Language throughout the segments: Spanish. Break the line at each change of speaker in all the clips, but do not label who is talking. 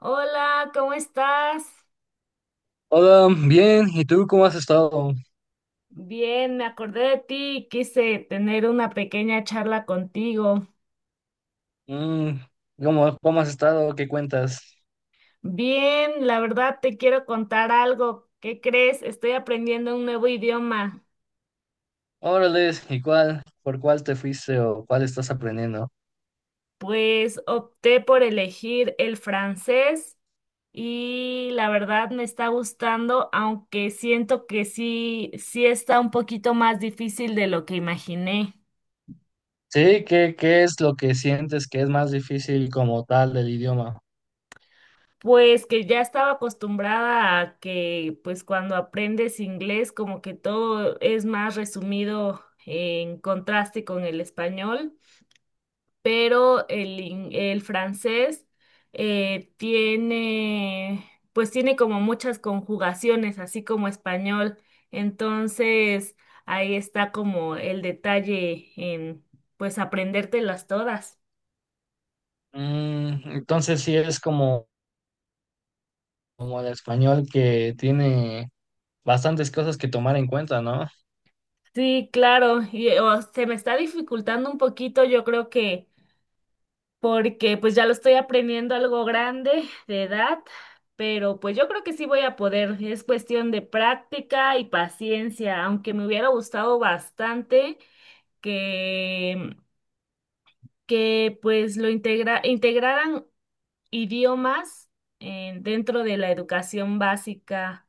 Hola, ¿cómo estás?
Hola, bien, ¿y tú cómo has estado?
Bien, me acordé de ti y quise tener una pequeña charla contigo.
Mm, ¿Cómo has estado? ¿Qué cuentas?
Bien, la verdad te quiero contar algo. ¿Qué crees? Estoy aprendiendo un nuevo idioma.
Órale, ¿y cuál? ¿Por cuál te fuiste o cuál estás aprendiendo?
Pues opté por elegir el francés y la verdad me está gustando, aunque siento que sí está un poquito más difícil de lo que imaginé.
Sí, ¿qué es lo que sientes que es más difícil como tal del idioma?
Pues que ya estaba acostumbrada a que pues cuando aprendes inglés como que todo es más resumido en contraste con el español, pero el francés tiene pues tiene como muchas conjugaciones, así como español. Entonces ahí está como el detalle en pues aprendértelas todas.
Mm, entonces sí es como, como el español que tiene bastantes cosas que tomar en cuenta, ¿no?
Sí, claro, y o se me está dificultando un poquito, yo creo que porque pues ya lo estoy aprendiendo algo grande de edad, pero pues yo creo que sí voy a poder. Es cuestión de práctica y paciencia, aunque me hubiera gustado bastante que, que pues lo integraran idiomas dentro de la educación básica.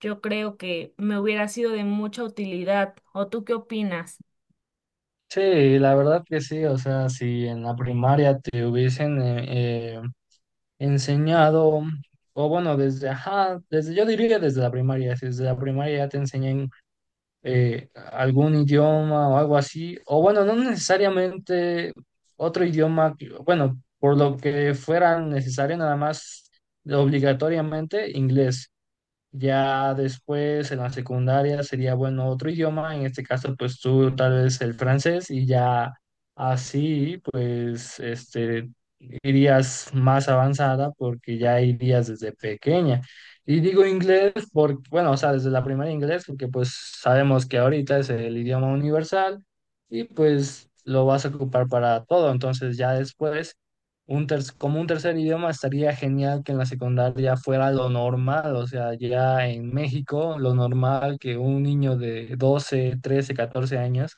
Yo creo que me hubiera sido de mucha utilidad. ¿O tú qué opinas?
Sí, la verdad que sí, o sea, si en la primaria te hubiesen enseñado, o bueno, desde, ajá, desde, yo diría desde la primaria, si desde la primaria ya te enseñan algún idioma o algo así, o bueno, no necesariamente otro idioma, bueno, por lo que fuera necesario nada más obligatoriamente inglés. Ya después en la secundaria sería bueno otro idioma, en este caso pues tú tal vez el francés y ya así pues este irías más avanzada porque ya irías desde pequeña. Y digo inglés porque, bueno, o sea, desde la primaria inglés porque pues sabemos que ahorita es el idioma universal y pues lo vas a ocupar para todo, entonces ya después como un tercer idioma estaría genial que en la secundaria fuera lo normal, o sea, ya en México, lo normal que un niño de 12 13 14 años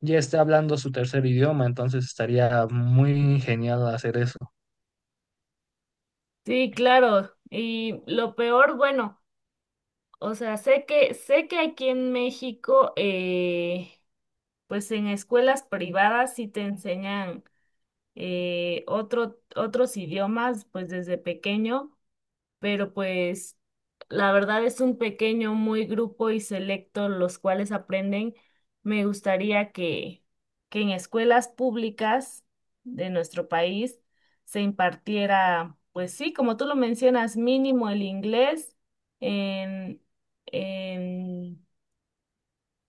ya esté hablando su tercer idioma, entonces estaría muy genial hacer eso.
Sí, claro. Y lo peor, bueno. O sea, sé que aquí en México, pues en escuelas privadas sí te enseñan otros idiomas, pues desde pequeño, pero pues la verdad es un pequeño, muy grupo y selecto los cuales aprenden. Me gustaría que en escuelas públicas de nuestro país se impartiera, pues sí, como tú lo mencionas, mínimo el inglés en, en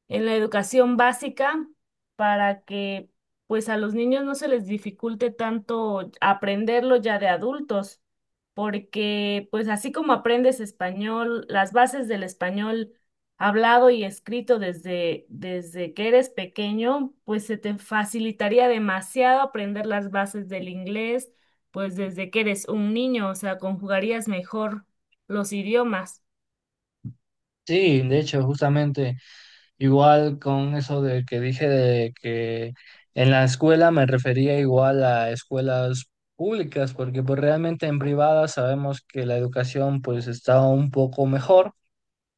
en la educación básica para que pues a los niños no se les dificulte tanto aprenderlo ya de adultos, porque pues así como aprendes español, las bases del español hablado y escrito desde que eres pequeño, pues se te facilitaría demasiado aprender las bases del inglés, pues desde que eres un niño, o sea, conjugarías mejor los idiomas.
Sí, de hecho, justamente igual con eso de que dije de que en la escuela me refería igual a escuelas públicas, porque pues realmente en privadas sabemos que la educación pues está un poco mejor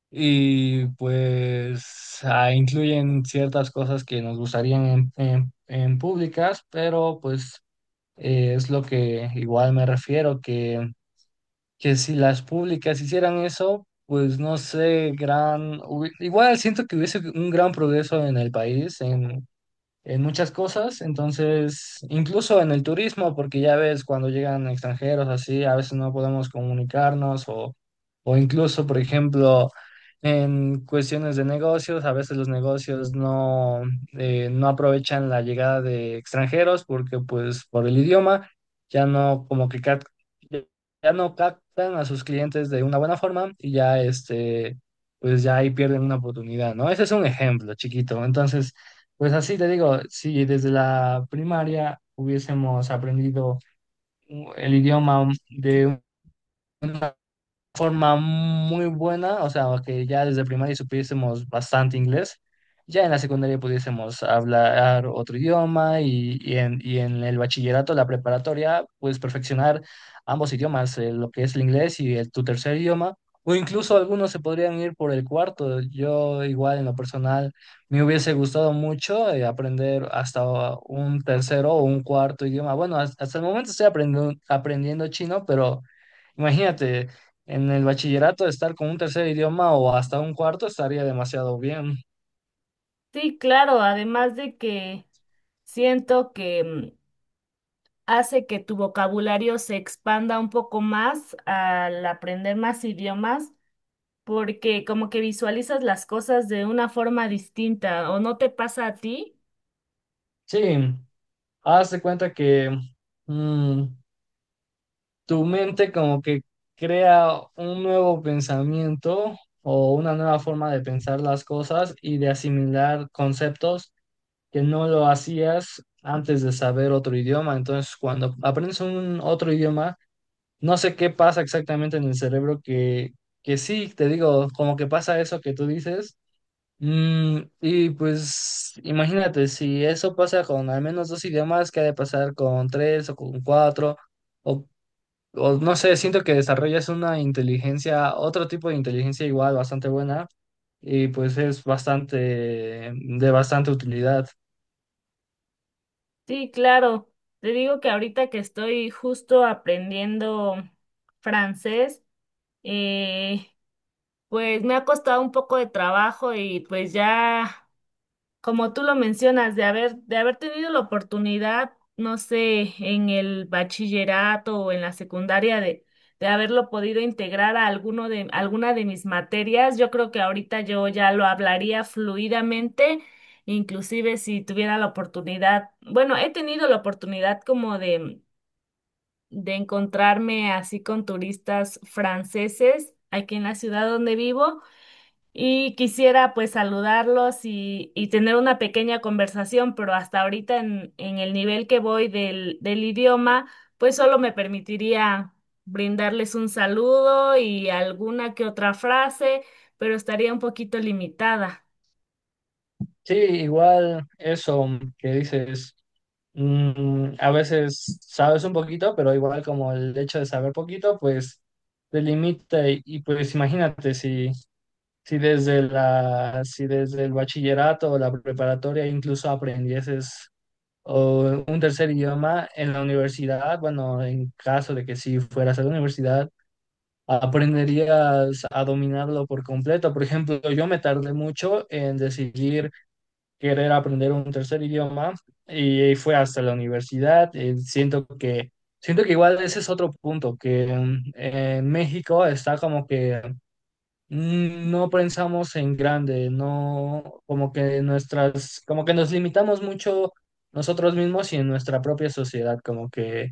y pues ah, incluyen ciertas cosas que nos gustarían en, en públicas, pero pues es lo que igual me refiero, que si las públicas hicieran eso, pues no sé, igual siento que hubiese un gran progreso en el país, en muchas cosas, entonces, incluso en el turismo, porque ya ves, cuando llegan extranjeros así, a veces no podemos comunicarnos o incluso, por ejemplo, en cuestiones de negocios, a veces los negocios no, no aprovechan la llegada de extranjeros porque pues por el idioma ya no ya no captan a sus clientes de una buena forma y ya este pues ya ahí pierden una oportunidad, ¿no? Ese es un ejemplo chiquito. Entonces, pues así te digo, si desde la primaria hubiésemos aprendido el idioma de forma muy buena, o sea, que ya desde primaria supiésemos bastante inglés, ya en la secundaria pudiésemos hablar otro idioma y en el bachillerato, la preparatoria, pues perfeccionar ambos idiomas, lo que es el inglés y el, tu tercer idioma, o incluso algunos se podrían ir por el cuarto. Yo igual en lo personal me hubiese gustado mucho aprender hasta un tercero o un cuarto idioma. Bueno, hasta, hasta el momento estoy aprendiendo, aprendiendo chino, pero... Imagínate, en el bachillerato estar con un tercer idioma o hasta un cuarto estaría demasiado bien.
Sí, claro, además de que siento que hace que tu vocabulario se expanda un poco más al aprender más idiomas, porque como que visualizas las cosas de una forma distinta, ¿o no te pasa a ti?
Sí, haz de cuenta que mm, tu mente como que crea un nuevo pensamiento o una nueva forma de pensar las cosas y de asimilar conceptos que no lo hacías antes de saber otro idioma. Entonces, cuando aprendes un otro idioma, no sé qué pasa exactamente en el cerebro que sí, te digo, como que pasa eso que tú dices. Mm, y pues imagínate, si eso pasa con al menos dos idiomas, ¿qué ha de pasar con tres o con cuatro? O, o no sé, siento que desarrollas una inteligencia, otro tipo de inteligencia igual bastante buena y pues es bastante, mm, de bastante utilidad.
Sí, claro. Te digo que ahorita que estoy justo aprendiendo francés, eh, pues me ha costado un poco de trabajo y pues ya. Como tú lo mencionas, de haber tenido la oportunidad, no sé, en el bachillerato o en la secundaria de haberlo podido integrar a alguna de mis materias, yo creo que ahorita yo ya lo hablaría fluidamente, inclusive si tuviera la oportunidad, bueno, he tenido la oportunidad de encontrarme así con turistas franceses aquí en la ciudad donde vivo. Y quisiera pues saludarlos y tener una pequeña conversación, pero hasta ahorita en el nivel que voy del idioma, pues solo me permitiría brindarles un saludo y alguna que otra frase, pero estaría un poquito limitada.
Sí, igual eso que dices, mm, a veces sabes un poquito, pero igual como el hecho de saber poquito, pues te limita y pues imagínate si... Si desde la, si desde el bachillerato o la preparatoria incluso aprendieses o un tercer idioma en la universidad, bueno, en caso de que si fueras a la universidad, aprenderías a dominarlo por completo. Por ejemplo, yo me tardé mucho en decidir querer aprender un tercer idioma y fue hasta la universidad. Siento que, siento que igual ese es otro punto, que mm, en México está como que mm, no pensamos en grande, no, como que nuestras, como que nos limitamos mucho nosotros mismos y en nuestra propia sociedad,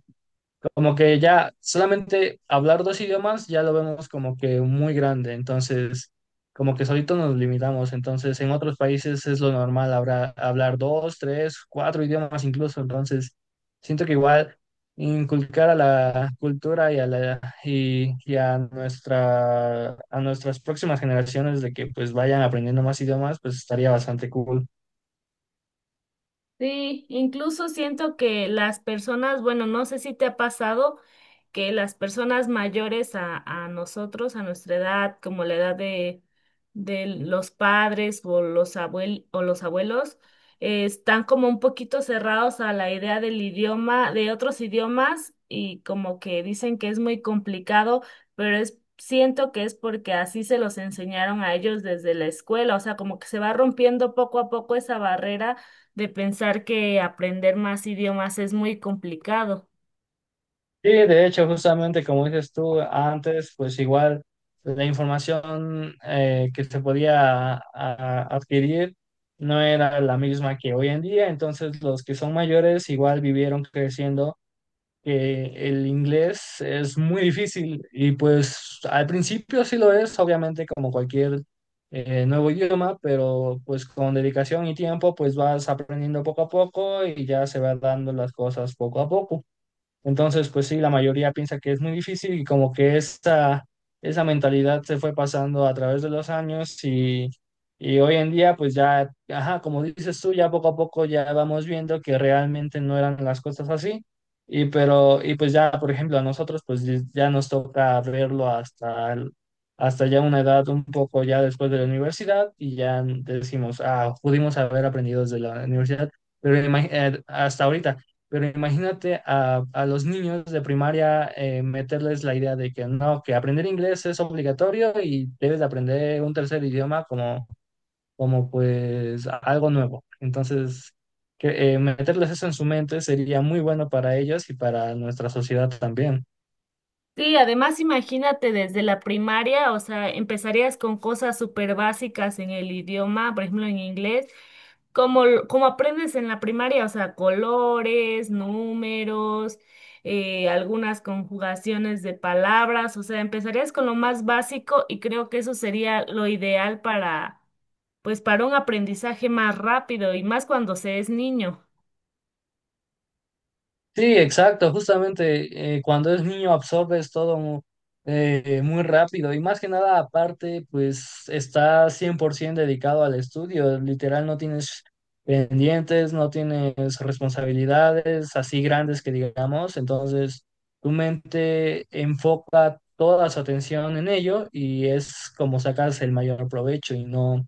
como que ya solamente hablar dos idiomas ya lo vemos como que muy grande, entonces como que solito nos limitamos, entonces en otros países es lo normal hablar dos, tres, cuatro idiomas incluso, entonces siento que igual inculcar a la cultura y a nuestra a nuestras próximas generaciones de que pues vayan aprendiendo más idiomas, pues estaría bastante cool.
Sí, incluso siento que las personas, bueno, no sé si te ha pasado que las personas mayores a nosotros, a nuestra edad, como la edad de los padres o los abuel o los abuelos, están como un poquito cerrados a la idea del idioma, de otros idiomas, y como que dicen que es muy complicado, pero es, siento que es porque así se los enseñaron a ellos desde la escuela, o sea, como que se va rompiendo poco a poco esa barrera de pensar que aprender más idiomas es muy complicado.
Sí, de hecho, justamente como dices tú antes, pues igual la información que se podía adquirir no era la misma que hoy en día, entonces los que son mayores igual vivieron creciendo que el inglés es muy difícil y pues al principio sí lo es, obviamente como cualquier nuevo idioma, pero pues con dedicación y tiempo pues vas aprendiendo poco a poco y ya se van dando las cosas poco a poco. Entonces, pues sí, la mayoría piensa que es muy difícil y como que esa mentalidad se fue pasando a través de los años y hoy en día, pues ya, ajá, como dices tú, ya poco a poco ya vamos viendo que realmente no eran las cosas así. Y pues ya, por ejemplo, a nosotros, pues ya nos toca verlo hasta ya una edad un poco ya después de la universidad y ya decimos, ah, pudimos haber aprendido desde la universidad, pero hasta ahorita. Pero imagínate a los niños de primaria meterles la idea de que no, que aprender inglés es obligatorio y debes de aprender un tercer idioma como, como pues algo nuevo. Entonces, que, meterles eso en su mente sería muy bueno para ellos y para nuestra sociedad también.
Sí, además imagínate desde la primaria, o sea, empezarías con cosas súper básicas en el idioma, por ejemplo en inglés, como aprendes en la primaria, o sea, colores, números, algunas conjugaciones de palabras, o sea, empezarías con lo más básico y creo que eso sería lo ideal para, pues, para un aprendizaje más rápido y más cuando se es niño.
Sí, exacto, justamente cuando es niño absorbes todo muy rápido y más que nada aparte pues estás 100% dedicado al estudio, literal no tienes pendientes, no tienes responsabilidades así grandes que digamos, entonces tu mente enfoca toda su atención en ello y es como sacas el mayor provecho y no...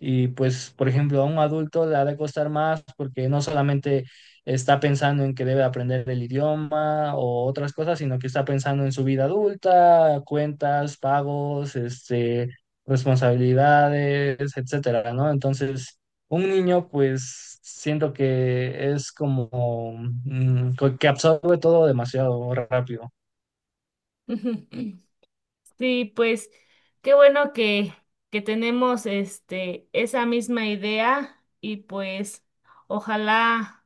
Y pues, por ejemplo, a un adulto le ha de costar más porque no solamente está pensando en que debe aprender el idioma o otras cosas, sino que está pensando en su vida adulta, cuentas, pagos, este, responsabilidades, etcétera, ¿no? Entonces, un niño, pues, siento que es como mm, que absorbe todo demasiado rápido.
Sí, pues qué bueno que tenemos este esa misma idea y pues ojalá,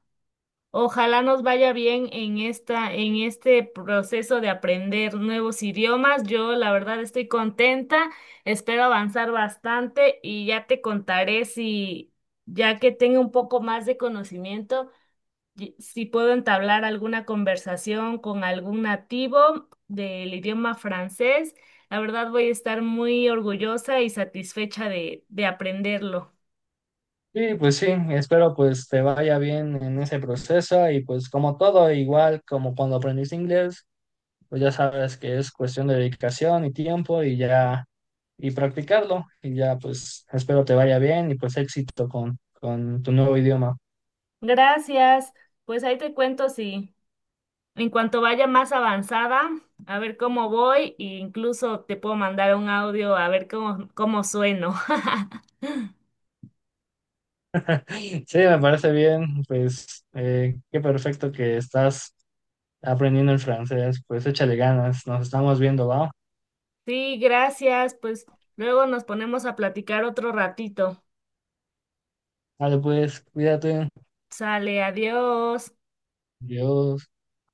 ojalá nos vaya bien en esta, en este proceso de aprender nuevos idiomas. Yo la verdad estoy contenta, espero avanzar bastante y ya te contaré si ya que tenga un poco más de conocimiento, si puedo entablar alguna conversación con algún nativo del idioma francés, la verdad voy a estar muy orgullosa y satisfecha de aprenderlo.
Sí, pues sí, espero pues te vaya bien en ese proceso y pues como todo, igual como cuando aprendiste inglés, pues ya sabes que es cuestión de dedicación y tiempo y ya, y practicarlo. Y ya, pues espero te vaya bien y pues éxito con tu nuevo idioma.
Gracias. Pues ahí te cuento si en cuanto vaya más avanzada, a ver cómo voy e incluso te puedo mandar un audio a ver cómo sueno.
Sí, me parece bien, pues qué perfecto que estás aprendiendo el francés, pues échale ganas, nos estamos viendo, va.
Sí, gracias. Pues luego nos ponemos a platicar otro ratito.
Vale, pues cuídate,
Sale, adiós.
Dios.